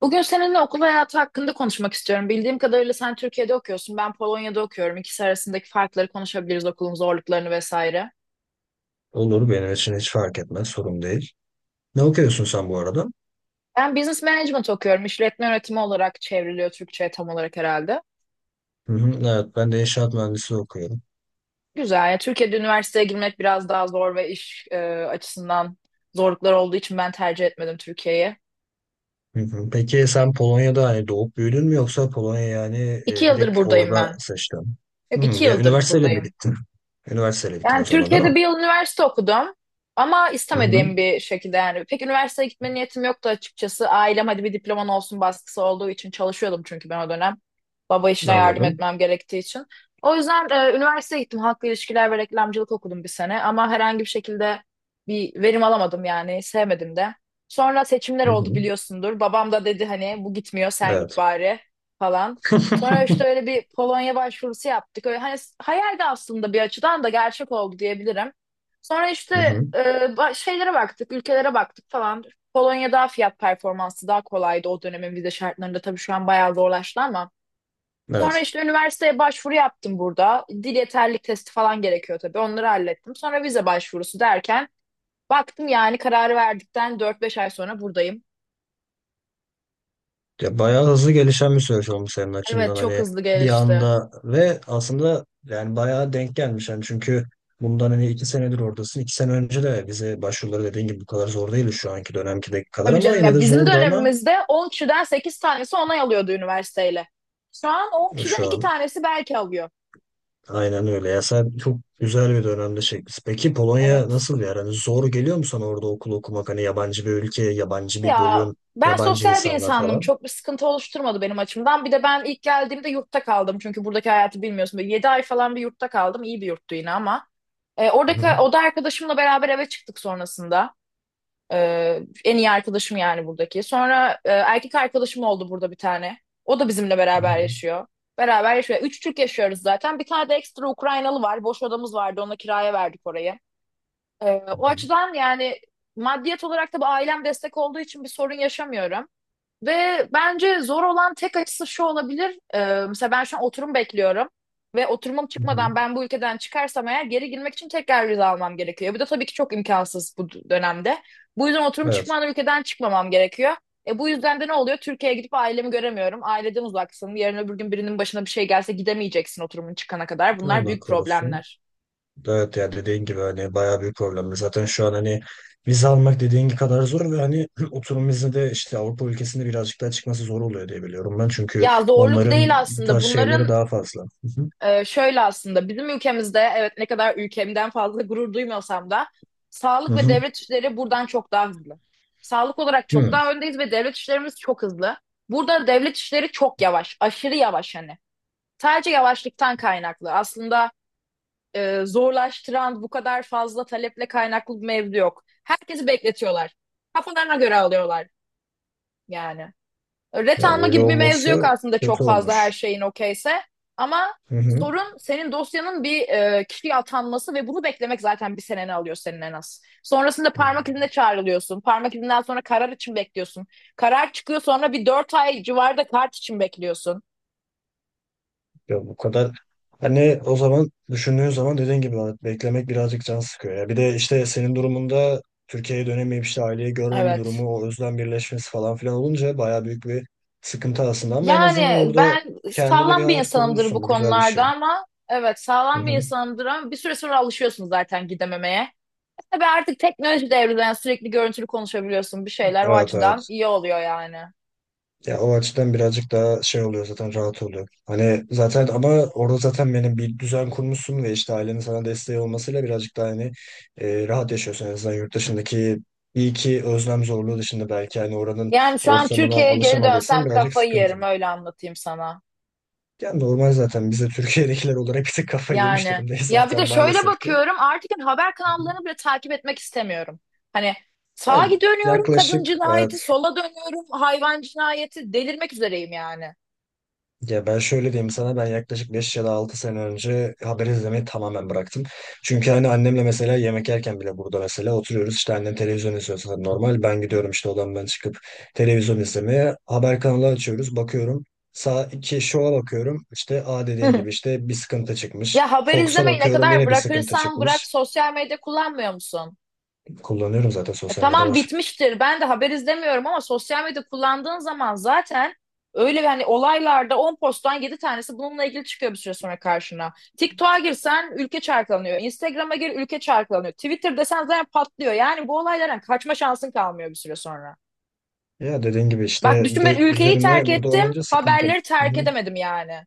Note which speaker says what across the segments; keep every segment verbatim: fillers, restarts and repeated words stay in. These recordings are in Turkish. Speaker 1: Bugün seninle okul hayatı hakkında konuşmak istiyorum. Bildiğim kadarıyla sen Türkiye'de okuyorsun, ben Polonya'da okuyorum. İkisi arasındaki farkları konuşabiliriz, okulun zorluklarını vesaire.
Speaker 2: Olur benim için hiç fark etmez. Sorun değil. Ne okuyorsun sen bu arada?
Speaker 1: Ben business management okuyorum. İşletme yönetimi olarak çevriliyor Türkçe'ye tam olarak herhalde.
Speaker 2: Hı hı, evet ben de inşaat mühendisliği okuyorum.
Speaker 1: Güzel. Yani Türkiye'de üniversiteye girmek biraz daha zor ve iş e, açısından zorluklar olduğu için ben tercih etmedim Türkiye'yi.
Speaker 2: Hı hı. Peki sen Polonya'da hani doğup büyüdün mü yoksa Polonya yani
Speaker 1: İki
Speaker 2: e,
Speaker 1: yıldır
Speaker 2: direkt
Speaker 1: buradayım
Speaker 2: orada
Speaker 1: ben.
Speaker 2: seçtin? Hı,
Speaker 1: Yok, iki
Speaker 2: ya
Speaker 1: yıldır
Speaker 2: üniversiteyle mi
Speaker 1: buradayım.
Speaker 2: gittin? Üniversiteyle gittin
Speaker 1: Yani
Speaker 2: o zaman değil mi?
Speaker 1: Türkiye'de bir yıl üniversite okudum ama
Speaker 2: Hı hı.
Speaker 1: istemediğim bir şekilde yani. Pek üniversiteye gitme niyetim yoktu açıkçası. Ailem hadi bir diploman olsun baskısı olduğu için çalışıyordum çünkü ben o dönem. Baba işine yardım
Speaker 2: Anladım.
Speaker 1: etmem gerektiği için. O yüzden e, üniversiteye gittim. Halkla ilişkiler ve reklamcılık okudum bir sene ama herhangi bir şekilde bir verim alamadım yani sevmedim de. Sonra seçimler
Speaker 2: Hı
Speaker 1: oldu
Speaker 2: hı.
Speaker 1: biliyorsundur. Babam da dedi hani bu gitmiyor sen git
Speaker 2: Evet.
Speaker 1: bari falan. Sonra işte öyle bir Polonya başvurusu yaptık. Öyle hani s- hayaldi aslında bir açıdan da gerçek oldu diyebilirim. Sonra işte
Speaker 2: Hı hı.
Speaker 1: e, ba- şeylere baktık, ülkelere baktık falan. Polonya daha fiyat performansı daha kolaydı o dönemin vize şartlarında. Tabii şu an bayağı zorlaştı ama. Sonra
Speaker 2: Evet.
Speaker 1: işte üniversiteye başvuru yaptım burada. Dil yeterlilik testi falan gerekiyor tabii. Onları hallettim. Sonra vize başvurusu derken baktım yani kararı verdikten dört beş ay sonra buradayım.
Speaker 2: Ya bayağı hızlı gelişen bir süreç olmuş senin
Speaker 1: Evet
Speaker 2: açından
Speaker 1: çok
Speaker 2: hani
Speaker 1: hızlı
Speaker 2: bir
Speaker 1: gelişti.
Speaker 2: anda ve aslında yani bayağı denk gelmiş yani çünkü bundan hani iki senedir oradasın. İki sene önce de vize başvuruları dediğin gibi bu kadar zor değildi şu anki dönemkideki kadar
Speaker 1: Tabii
Speaker 2: ama
Speaker 1: canım
Speaker 2: yine
Speaker 1: ya
Speaker 2: de
Speaker 1: bizim
Speaker 2: zordu ama
Speaker 1: dönemimizde on kişiden sekiz tanesi onay alıyordu üniversiteyle. Şu an on kişiden
Speaker 2: şu
Speaker 1: iki
Speaker 2: an
Speaker 1: tanesi belki alıyor.
Speaker 2: aynen öyle. Ya sen çok güzel bir dönemde çekmişsin. Peki Polonya
Speaker 1: Evet.
Speaker 2: nasıl yani hani zor geliyor mu sana orada okul okumak hani yabancı bir ülke, yabancı bir
Speaker 1: Ya
Speaker 2: bölüm,
Speaker 1: ben
Speaker 2: yabancı
Speaker 1: sosyal bir
Speaker 2: insanlar
Speaker 1: insandım.
Speaker 2: falan?
Speaker 1: Çok bir sıkıntı oluşturmadı benim açımdan. Bir de ben ilk geldiğimde yurtta kaldım. Çünkü buradaki hayatı bilmiyorsun. Böyle yedi ay falan bir yurtta kaldım. İyi bir yurttu yine ama. E,
Speaker 2: Hı
Speaker 1: oradaki
Speaker 2: hı.
Speaker 1: oda arkadaşımla beraber eve çıktık sonrasında. Ee, en iyi arkadaşım yani buradaki. Sonra e, erkek arkadaşım oldu burada bir tane. O da bizimle
Speaker 2: Hı
Speaker 1: beraber
Speaker 2: hı.
Speaker 1: yaşıyor. Beraber yaşıyor. Üç Türk yaşıyoruz zaten. Bir tane de ekstra Ukraynalı var. Boş odamız vardı. Ona kiraya verdik orayı. Ee,
Speaker 2: Hı
Speaker 1: O
Speaker 2: hı.
Speaker 1: açıdan yani maddiyet olarak da bu ailem destek olduğu için bir sorun yaşamıyorum. Ve bence zor olan tek açısı şu olabilir. Ee, mesela ben şu an oturum bekliyorum. Ve oturumum
Speaker 2: Hı hı.
Speaker 1: çıkmadan ben bu ülkeden çıkarsam eğer geri girmek için tekrar vize almam gerekiyor. Bu da tabii ki çok imkansız bu d- dönemde. Bu yüzden oturum
Speaker 2: Evet.
Speaker 1: çıkmadan ülkeden çıkmamam gerekiyor. E bu yüzden de ne oluyor? Türkiye'ye gidip ailemi göremiyorum. Aileden uzaksın. Yarın öbür gün birinin başına bir şey gelse gidemeyeceksin oturumun çıkana kadar. Bunlar
Speaker 2: Allah
Speaker 1: büyük
Speaker 2: korusun.
Speaker 1: problemler.
Speaker 2: Evet yani dediğin gibi hani bayağı büyük problem. Zaten şu an hani vize almak dediğin gibi kadar zor ve hani oturum izni de işte Avrupa ülkesinde birazcık daha çıkması zor oluyor diye biliyorum ben. Çünkü
Speaker 1: Ya zorluk
Speaker 2: onların
Speaker 1: değil
Speaker 2: bu
Speaker 1: aslında.
Speaker 2: tarz şeyleri
Speaker 1: Bunların
Speaker 2: daha fazla. Hı hı.
Speaker 1: Ee, şöyle aslında bizim ülkemizde evet ne kadar ülkemden fazla gurur duymuyorsam da
Speaker 2: Hı
Speaker 1: sağlık ve
Speaker 2: hı.
Speaker 1: devlet işleri buradan çok daha hızlı. Sağlık olarak çok
Speaker 2: Hı.
Speaker 1: daha öndeyiz ve devlet işlerimiz çok hızlı. Burada devlet işleri çok yavaş, aşırı yavaş hani. Sadece yavaşlıktan kaynaklı. Aslında e, zorlaştıran bu kadar fazla taleple kaynaklı bir mevzu yok. Herkesi bekletiyorlar. Kafalarına göre alıyorlar yani. Ret
Speaker 2: Ya
Speaker 1: alma
Speaker 2: öyle
Speaker 1: gibi bir mevzu yok
Speaker 2: olması
Speaker 1: aslında
Speaker 2: kötü
Speaker 1: çok fazla her
Speaker 2: olmuş.
Speaker 1: şeyin okeyse. Ama
Speaker 2: Hı hı.
Speaker 1: sorun senin dosyanın bir e, kişiye atanması ve bunu beklemek zaten bir seneni alıyor senin en az. Sonrasında
Speaker 2: Hı.
Speaker 1: parmak izine çağrılıyorsun. Parmak izinden sonra karar için bekliyorsun. Karar çıkıyor sonra bir dört ay civarda kart için bekliyorsun.
Speaker 2: Ya bu kadar hani o zaman düşündüğün zaman dediğin gibi Ahmet, beklemek birazcık can sıkıyor ya. Bir de işte senin durumunda Türkiye'ye dönemeyip işte aileyi görmeme
Speaker 1: Evet.
Speaker 2: durumu, o özlem birleşmesi falan filan olunca bayağı büyük bir sıkıntı aslında ama en azından
Speaker 1: Yani
Speaker 2: orada
Speaker 1: ben
Speaker 2: kendine bir
Speaker 1: sağlam bir
Speaker 2: hayat
Speaker 1: insanımdır bu
Speaker 2: kurmuşsun. Bu güzel bir şey.
Speaker 1: konularda ama evet
Speaker 2: Hı
Speaker 1: sağlam bir
Speaker 2: hı.
Speaker 1: insanımdır ama bir süre sonra alışıyorsun zaten gidememeye. Tabii artık teknoloji devrinde yani sürekli görüntülü konuşabiliyorsun bir şeyler o
Speaker 2: Evet
Speaker 1: açıdan
Speaker 2: evet.
Speaker 1: iyi oluyor yani.
Speaker 2: Ya o açıdan birazcık daha şey oluyor zaten rahat oluyor. Hani zaten ama orada zaten benim bir düzen kurmuşsun ve işte ailenin sana desteği olmasıyla birazcık daha hani e, rahat yaşıyorsun. En azından yurt dışındaki iyi ki özlem zorluğu dışında belki hani oranın
Speaker 1: Yani şu an
Speaker 2: ortamına
Speaker 1: Türkiye'ye geri dönsem
Speaker 2: alışamadıysan birazcık
Speaker 1: kafayı
Speaker 2: sıkıntı.
Speaker 1: yerim öyle anlatayım sana.
Speaker 2: Yani normal zaten biz de Türkiye'dekiler olarak bir tık kafayı yemiş
Speaker 1: Yani
Speaker 2: durumdayız
Speaker 1: ya bir
Speaker 2: zaten
Speaker 1: de şöyle
Speaker 2: maalesef ki.
Speaker 1: bakıyorum artık yani haber kanallarını bile takip etmek istemiyorum. Hani sağa
Speaker 2: Ben
Speaker 1: dönüyorum kadın
Speaker 2: yaklaşık e,
Speaker 1: cinayeti, sola dönüyorum hayvan cinayeti delirmek üzereyim yani.
Speaker 2: Ya ben şöyle diyeyim sana, ben yaklaşık beş ya da altı sene önce haber izlemeyi tamamen bıraktım. Çünkü hani annemle mesela yemek yerken bile, burada mesela oturuyoruz işte, annem televizyon izliyor zaten normal, ben gidiyorum işte odamdan çıkıp televizyon izlemeye, haber kanalı açıyoruz bakıyorum. Sağ iki şova bakıyorum, işte a dediğin gibi işte bir sıkıntı çıkmış.
Speaker 1: Ya haber
Speaker 2: Fox'a
Speaker 1: izlemeyi ne
Speaker 2: bakıyorum
Speaker 1: kadar
Speaker 2: yine bir sıkıntı
Speaker 1: bırakırsan bırak
Speaker 2: çıkmış.
Speaker 1: sosyal medya kullanmıyor musun?
Speaker 2: Kullanıyorum zaten,
Speaker 1: E,
Speaker 2: sosyal medya
Speaker 1: tamam
Speaker 2: var.
Speaker 1: bitmiştir. Ben de haber izlemiyorum ama sosyal medya kullandığın zaman zaten öyle yani olaylarda on posttan yedi tanesi bununla ilgili çıkıyor bir süre sonra karşına. TikTok'a girsen ülke çarklanıyor. Instagram'a gir ülke çarklanıyor. Twitter desen zaten patlıyor. Yani bu olaylardan kaçma şansın kalmıyor bir süre sonra.
Speaker 2: Ya dediğin gibi
Speaker 1: Bak
Speaker 2: işte, bir
Speaker 1: düşün ben
Speaker 2: de
Speaker 1: ülkeyi terk
Speaker 2: üzerine burada
Speaker 1: ettim,
Speaker 2: olunca sıkıntı.
Speaker 1: haberleri
Speaker 2: Hı
Speaker 1: terk
Speaker 2: hı.
Speaker 1: edemedim yani.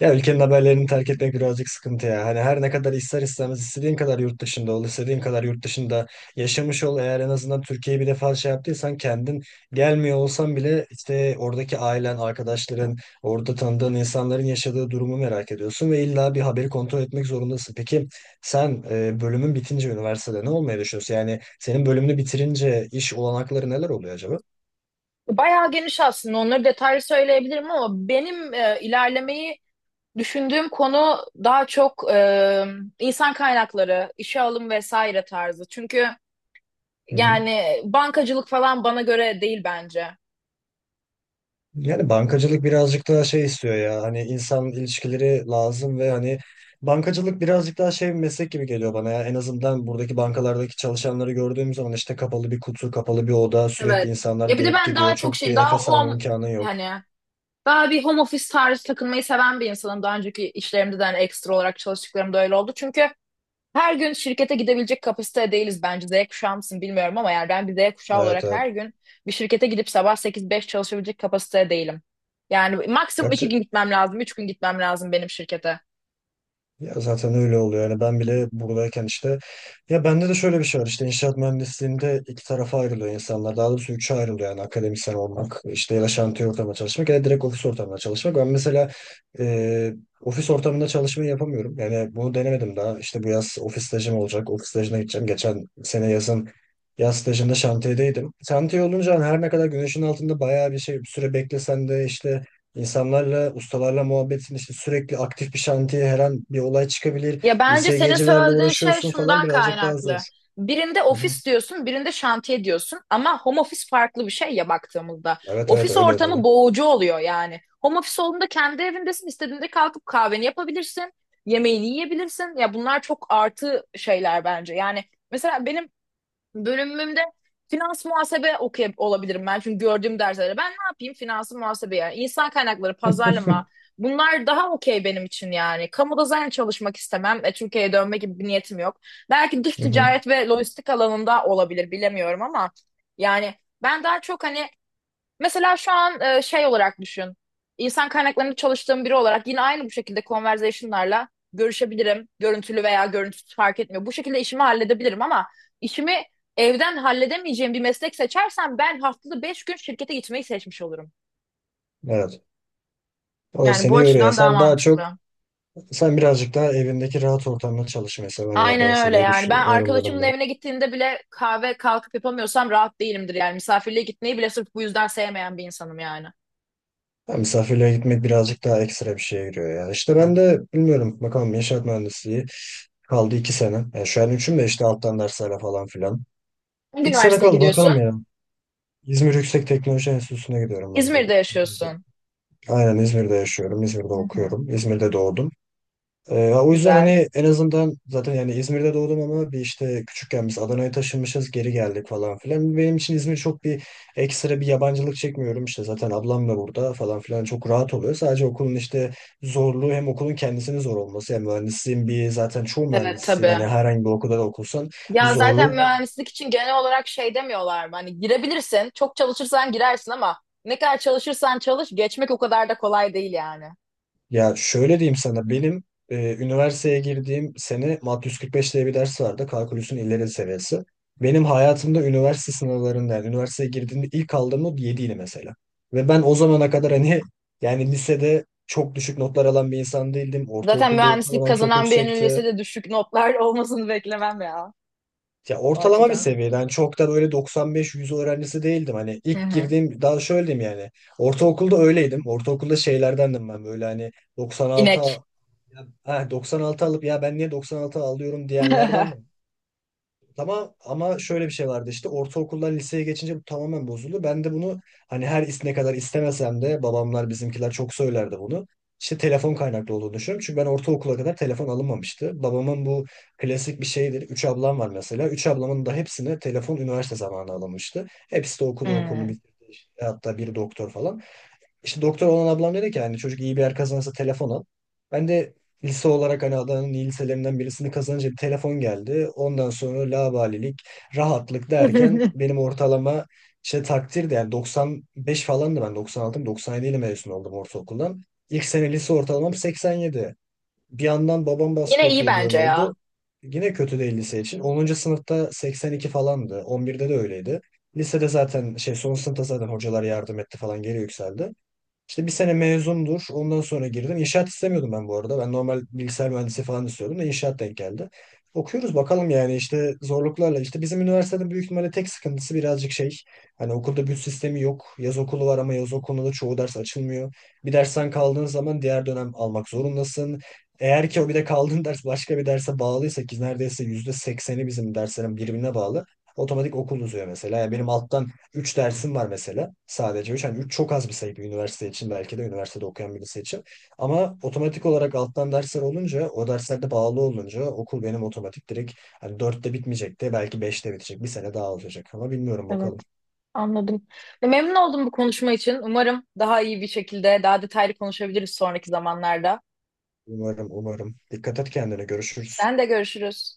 Speaker 2: Ya ülkenin haberlerini terk etmek birazcık sıkıntı ya. Hani her ne kadar ister istemez, istediğin kadar yurt dışında ol, istediğin kadar yurt dışında yaşamış ol, eğer en azından Türkiye'yi bir defa şey yaptıysan kendin, gelmiyor olsan bile işte oradaki ailen, arkadaşların, orada tanıdığın insanların yaşadığı durumu merak ediyorsun ve illa bir haberi kontrol etmek zorundasın. Peki sen e, bölümün bitince üniversitede ne olmayı düşünüyorsun? Yani senin bölümünü bitirince iş olanakları neler oluyor acaba?
Speaker 1: Bayağı geniş aslında onları detaylı söyleyebilirim ama benim e, ilerlemeyi düşündüğüm konu daha çok e, insan kaynakları, işe alım vesaire tarzı. Çünkü
Speaker 2: Hı hı.
Speaker 1: yani bankacılık falan bana göre değil bence.
Speaker 2: Yani bankacılık birazcık daha şey istiyor ya, hani insan ilişkileri lazım ve hani bankacılık birazcık daha şey, bir meslek gibi geliyor bana ya, en azından buradaki bankalardaki çalışanları gördüğüm zaman, işte kapalı bir kutu, kapalı bir oda, sürekli
Speaker 1: Evet.
Speaker 2: insanlar
Speaker 1: Ya bir de
Speaker 2: gelip
Speaker 1: ben daha
Speaker 2: gidiyor,
Speaker 1: çok
Speaker 2: çok
Speaker 1: şey,
Speaker 2: bir
Speaker 1: daha
Speaker 2: nefes alma
Speaker 1: home
Speaker 2: imkanı yok.
Speaker 1: yani daha bir home office tarzı takılmayı seven bir insanım. Daha önceki işlerimde de hani ekstra olarak çalıştıklarımda öyle oldu. Çünkü her gün şirkete gidebilecek kapasitede değiliz bence. Z kuşağı mısın bilmiyorum ama yani ben bir Z kuşağı
Speaker 2: Evet
Speaker 1: olarak
Speaker 2: evet.
Speaker 1: her gün bir şirkete gidip sabah sekiz beş çalışabilecek kapasitede değilim. Yani maksimum
Speaker 2: Kaç
Speaker 1: iki gün gitmem lazım, üç gün gitmem lazım benim şirkete.
Speaker 2: ya zaten öyle oluyor. Yani ben bile buradayken işte, ya bende de şöyle bir şey var. İşte inşaat mühendisliğinde iki tarafa ayrılıyor insanlar. Daha doğrusu üçe ayrılıyor, yani akademisyen olmak, işte ya da şantiye ortamında çalışmak ya da direkt ofis ortamında çalışmak. Ben mesela e, ofis ortamında çalışmayı yapamıyorum. Yani bunu denemedim daha. İşte bu yaz ofis stajım olacak. Ofis stajına gideceğim. Geçen sene yazın yaz stajında şantiyedeydim. Şantiye olunca hani her ne kadar güneşin altında bayağı bir şey bir süre beklesen de, işte İnsanlarla, ustalarla muhabbetin işte, sürekli aktif bir şantiye her an bir olay çıkabilir.
Speaker 1: Ya bence senin
Speaker 2: İSGC'lerle
Speaker 1: söylediğin şey
Speaker 2: uğraşıyorsun falan,
Speaker 1: şundan
Speaker 2: birazcık daha zor.
Speaker 1: kaynaklı. Birinde
Speaker 2: Hı hı.
Speaker 1: ofis diyorsun, birinde şantiye diyorsun ama home office farklı bir şey ya baktığımızda.
Speaker 2: Evet evet
Speaker 1: Ofis
Speaker 2: öyle öyle.
Speaker 1: ortamı boğucu oluyor yani. Home office olduğunda kendi evindesin, istediğinde kalkıp kahveni yapabilirsin, yemeğini yiyebilirsin. Ya bunlar çok artı şeyler bence. Yani mesela benim bölümümde finans muhasebe okuyabilirim olabilirim ben. Çünkü gördüğüm derslerde ben ne yapayım? Finansı muhasebe yani. İnsan kaynakları, pazarlama bunlar daha okey benim için yani. Kamuda zaten çalışmak istemem. E, Türkiye'ye dönme gibi bir niyetim yok. Belki dış
Speaker 2: Hı hı.
Speaker 1: ticaret ve lojistik alanında olabilir bilemiyorum ama yani ben daha çok hani mesela şu an e, şey olarak düşün. İnsan kaynaklarında çalıştığım biri olarak yine aynı bu şekilde conversation'larla görüşebilirim. Görüntülü veya görüntüsüz fark etmiyor. Bu şekilde işimi halledebilirim ama işimi evden halledemeyeceğim bir meslek seçersem ben haftada beş gün şirkete gitmeyi seçmiş olurum.
Speaker 2: Evet. O da
Speaker 1: Yani bu
Speaker 2: seni yoruyor.
Speaker 1: açıdan daha
Speaker 2: Sen daha çok,
Speaker 1: mantıklı.
Speaker 2: sen birazcık daha evindeki rahat ortamda çalışmayı
Speaker 1: Aynen
Speaker 2: sevenlerdensin
Speaker 1: öyle
Speaker 2: diye
Speaker 1: yani. Ben
Speaker 2: düşünüyorum ben,
Speaker 1: arkadaşımın
Speaker 2: ondan.
Speaker 1: evine gittiğinde bile kahve kalkıp yapamıyorsam rahat değilimdir yani. Misafirliğe gitmeyi bile sırf bu yüzden sevmeyen bir insanım yani.
Speaker 2: Ha, misafirliğe gitmek birazcık daha ekstra bir şeye giriyor ya. İşte ben de bilmiyorum. Bakalım, inşaat mühendisliği kaldı iki sene. Yani şu an üçün de işte alttan derslerle falan filan.
Speaker 1: Hangi
Speaker 2: İki sene
Speaker 1: üniversiteye
Speaker 2: kaldı bakalım
Speaker 1: gidiyorsun?
Speaker 2: ya. İzmir Yüksek Teknoloji Enstitüsü'ne gidiyorum ben
Speaker 1: İzmir'de
Speaker 2: bu.
Speaker 1: yaşıyorsun.
Speaker 2: Aynen, İzmir'de yaşıyorum. İzmir'de
Speaker 1: Hı hı.
Speaker 2: okuyorum. İzmir'de doğdum. Ee, o yüzden
Speaker 1: Güzel.
Speaker 2: hani en azından zaten yani, İzmir'de doğdum ama bir işte küçükken biz Adana'ya taşınmışız, geri geldik falan filan. Benim için İzmir çok bir ekstra bir yabancılık çekmiyorum işte, zaten ablam da burada falan filan, çok rahat oluyor. Sadece okulun işte zorluğu, hem okulun kendisinin zor olması hem mühendisliğin bir, zaten çoğu
Speaker 1: Evet
Speaker 2: mühendisliğin
Speaker 1: tabii.
Speaker 2: hani herhangi bir okulda da okursan bir
Speaker 1: Ya
Speaker 2: zorluğu
Speaker 1: zaten
Speaker 2: var.
Speaker 1: mühendislik için genel olarak şey demiyorlar mı? Hani girebilirsin, çok çalışırsan girersin ama ne kadar çalışırsan çalış geçmek o kadar da kolay değil yani.
Speaker 2: Ya şöyle diyeyim sana, benim e, üniversiteye girdiğim sene MAT yüz kırk beş diye bir ders vardı. Kalkülüsün ileri seviyesi. Benim hayatımda üniversite sınavlarında, yani üniversiteye girdiğimde ilk aldığım not yediydi mesela. Ve ben o zamana kadar hani yani lisede çok düşük notlar alan bir insan değildim.
Speaker 1: Zaten
Speaker 2: Ortaokulda
Speaker 1: mühendislik
Speaker 2: ortalamam çok
Speaker 1: kazanan birinin
Speaker 2: yüksekti.
Speaker 1: lisede düşük notlar olmasını beklemem ya
Speaker 2: Ya
Speaker 1: o
Speaker 2: ortalama bir
Speaker 1: açıdan.
Speaker 2: seviyeden yani, çok da böyle doksan beş yüz öğrencisi değildim. Hani
Speaker 1: Hı
Speaker 2: ilk
Speaker 1: hı.
Speaker 2: girdiğim, daha şöyle diyeyim yani. Ortaokulda öyleydim. Ortaokulda şeylerdendim ben böyle hani doksan altı.
Speaker 1: İnek.
Speaker 2: Ha, doksan altı alıp ya ben niye doksan altı alıyorum diyenlerden, ama ama şöyle bir şey vardı işte, ortaokuldan liseye geçince bu tamamen bozuldu. Ben de bunu hani her is- ne kadar istemesem de, babamlar bizimkiler çok söylerdi bunu. İşte telefon kaynaklı olduğunu düşünüyorum. Çünkü ben ortaokula kadar telefon alınmamıştı. Babamın bu klasik bir şeydir. Üç ablam var mesela. Üç ablamın da hepsine telefon üniversite zamanı alınmıştı. Hepsi de okudu, okulunu
Speaker 1: Hı.
Speaker 2: bitirdi. Hatta biri doktor falan. İşte doktor olan ablam dedi ki hani çocuk iyi bir yer kazanırsa telefon al. Ben de lise olarak hani Adana'nın iyi liselerinden birisini kazanınca bir telefon geldi. Ondan sonra laubalilik, rahatlık derken, benim ortalama işte takdir de yani doksan beş falandı, ben doksan altı mı doksan yedi ile mezun oldum ortaokuldan. İlk sene lise ortalamam seksen yedi. Bir yandan babam baskı
Speaker 1: Yine iyi
Speaker 2: yapıyor diyor ne
Speaker 1: bence ya.
Speaker 2: oldu? Yine kötü değil lise için. Onuncu sınıfta seksen iki falandı. on birde de öyleydi. Lisede zaten şey, son sınıfta zaten hocalar yardım etti falan, geri yükseldi. İşte bir sene mezundur. Ondan sonra girdim. İnşaat istemiyordum ben bu arada. Ben normal bilgisayar mühendisi falan istiyordum da inşaat denk geldi. Okuyoruz bakalım yani işte zorluklarla. İşte bizim üniversitenin büyük ihtimalle tek sıkıntısı birazcık şey. Hani okulda büt sistemi yok. Yaz okulu var ama yaz okulunda da çoğu ders açılmıyor. Bir dersten kaldığın zaman diğer dönem almak zorundasın. Eğer ki o, bir de kaldığın ders başka bir derse bağlıysa ki neredeyse yüzde sekseni bizim derslerin birbirine bağlı, otomatik okul uzuyor mesela. Yani benim alttan üç dersim var mesela. Sadece üç, hani üç çok az bir sayı bir üniversite için, belki de üniversitede okuyan birisi için. Ama otomatik olarak alttan dersler olunca, o derslerde bağlı olunca, okul benim otomatik direkt hani dörtte bitmeyecek de belki beşte bitecek. Bir sene daha alacak ama bilmiyorum
Speaker 1: Evet,
Speaker 2: bakalım.
Speaker 1: anladım. Ya memnun oldum bu konuşma için. Umarım daha iyi bir şekilde, daha detaylı konuşabiliriz sonraki zamanlarda.
Speaker 2: Umarım umarım. Dikkat et kendine, görüşürüz.
Speaker 1: Sen de görüşürüz.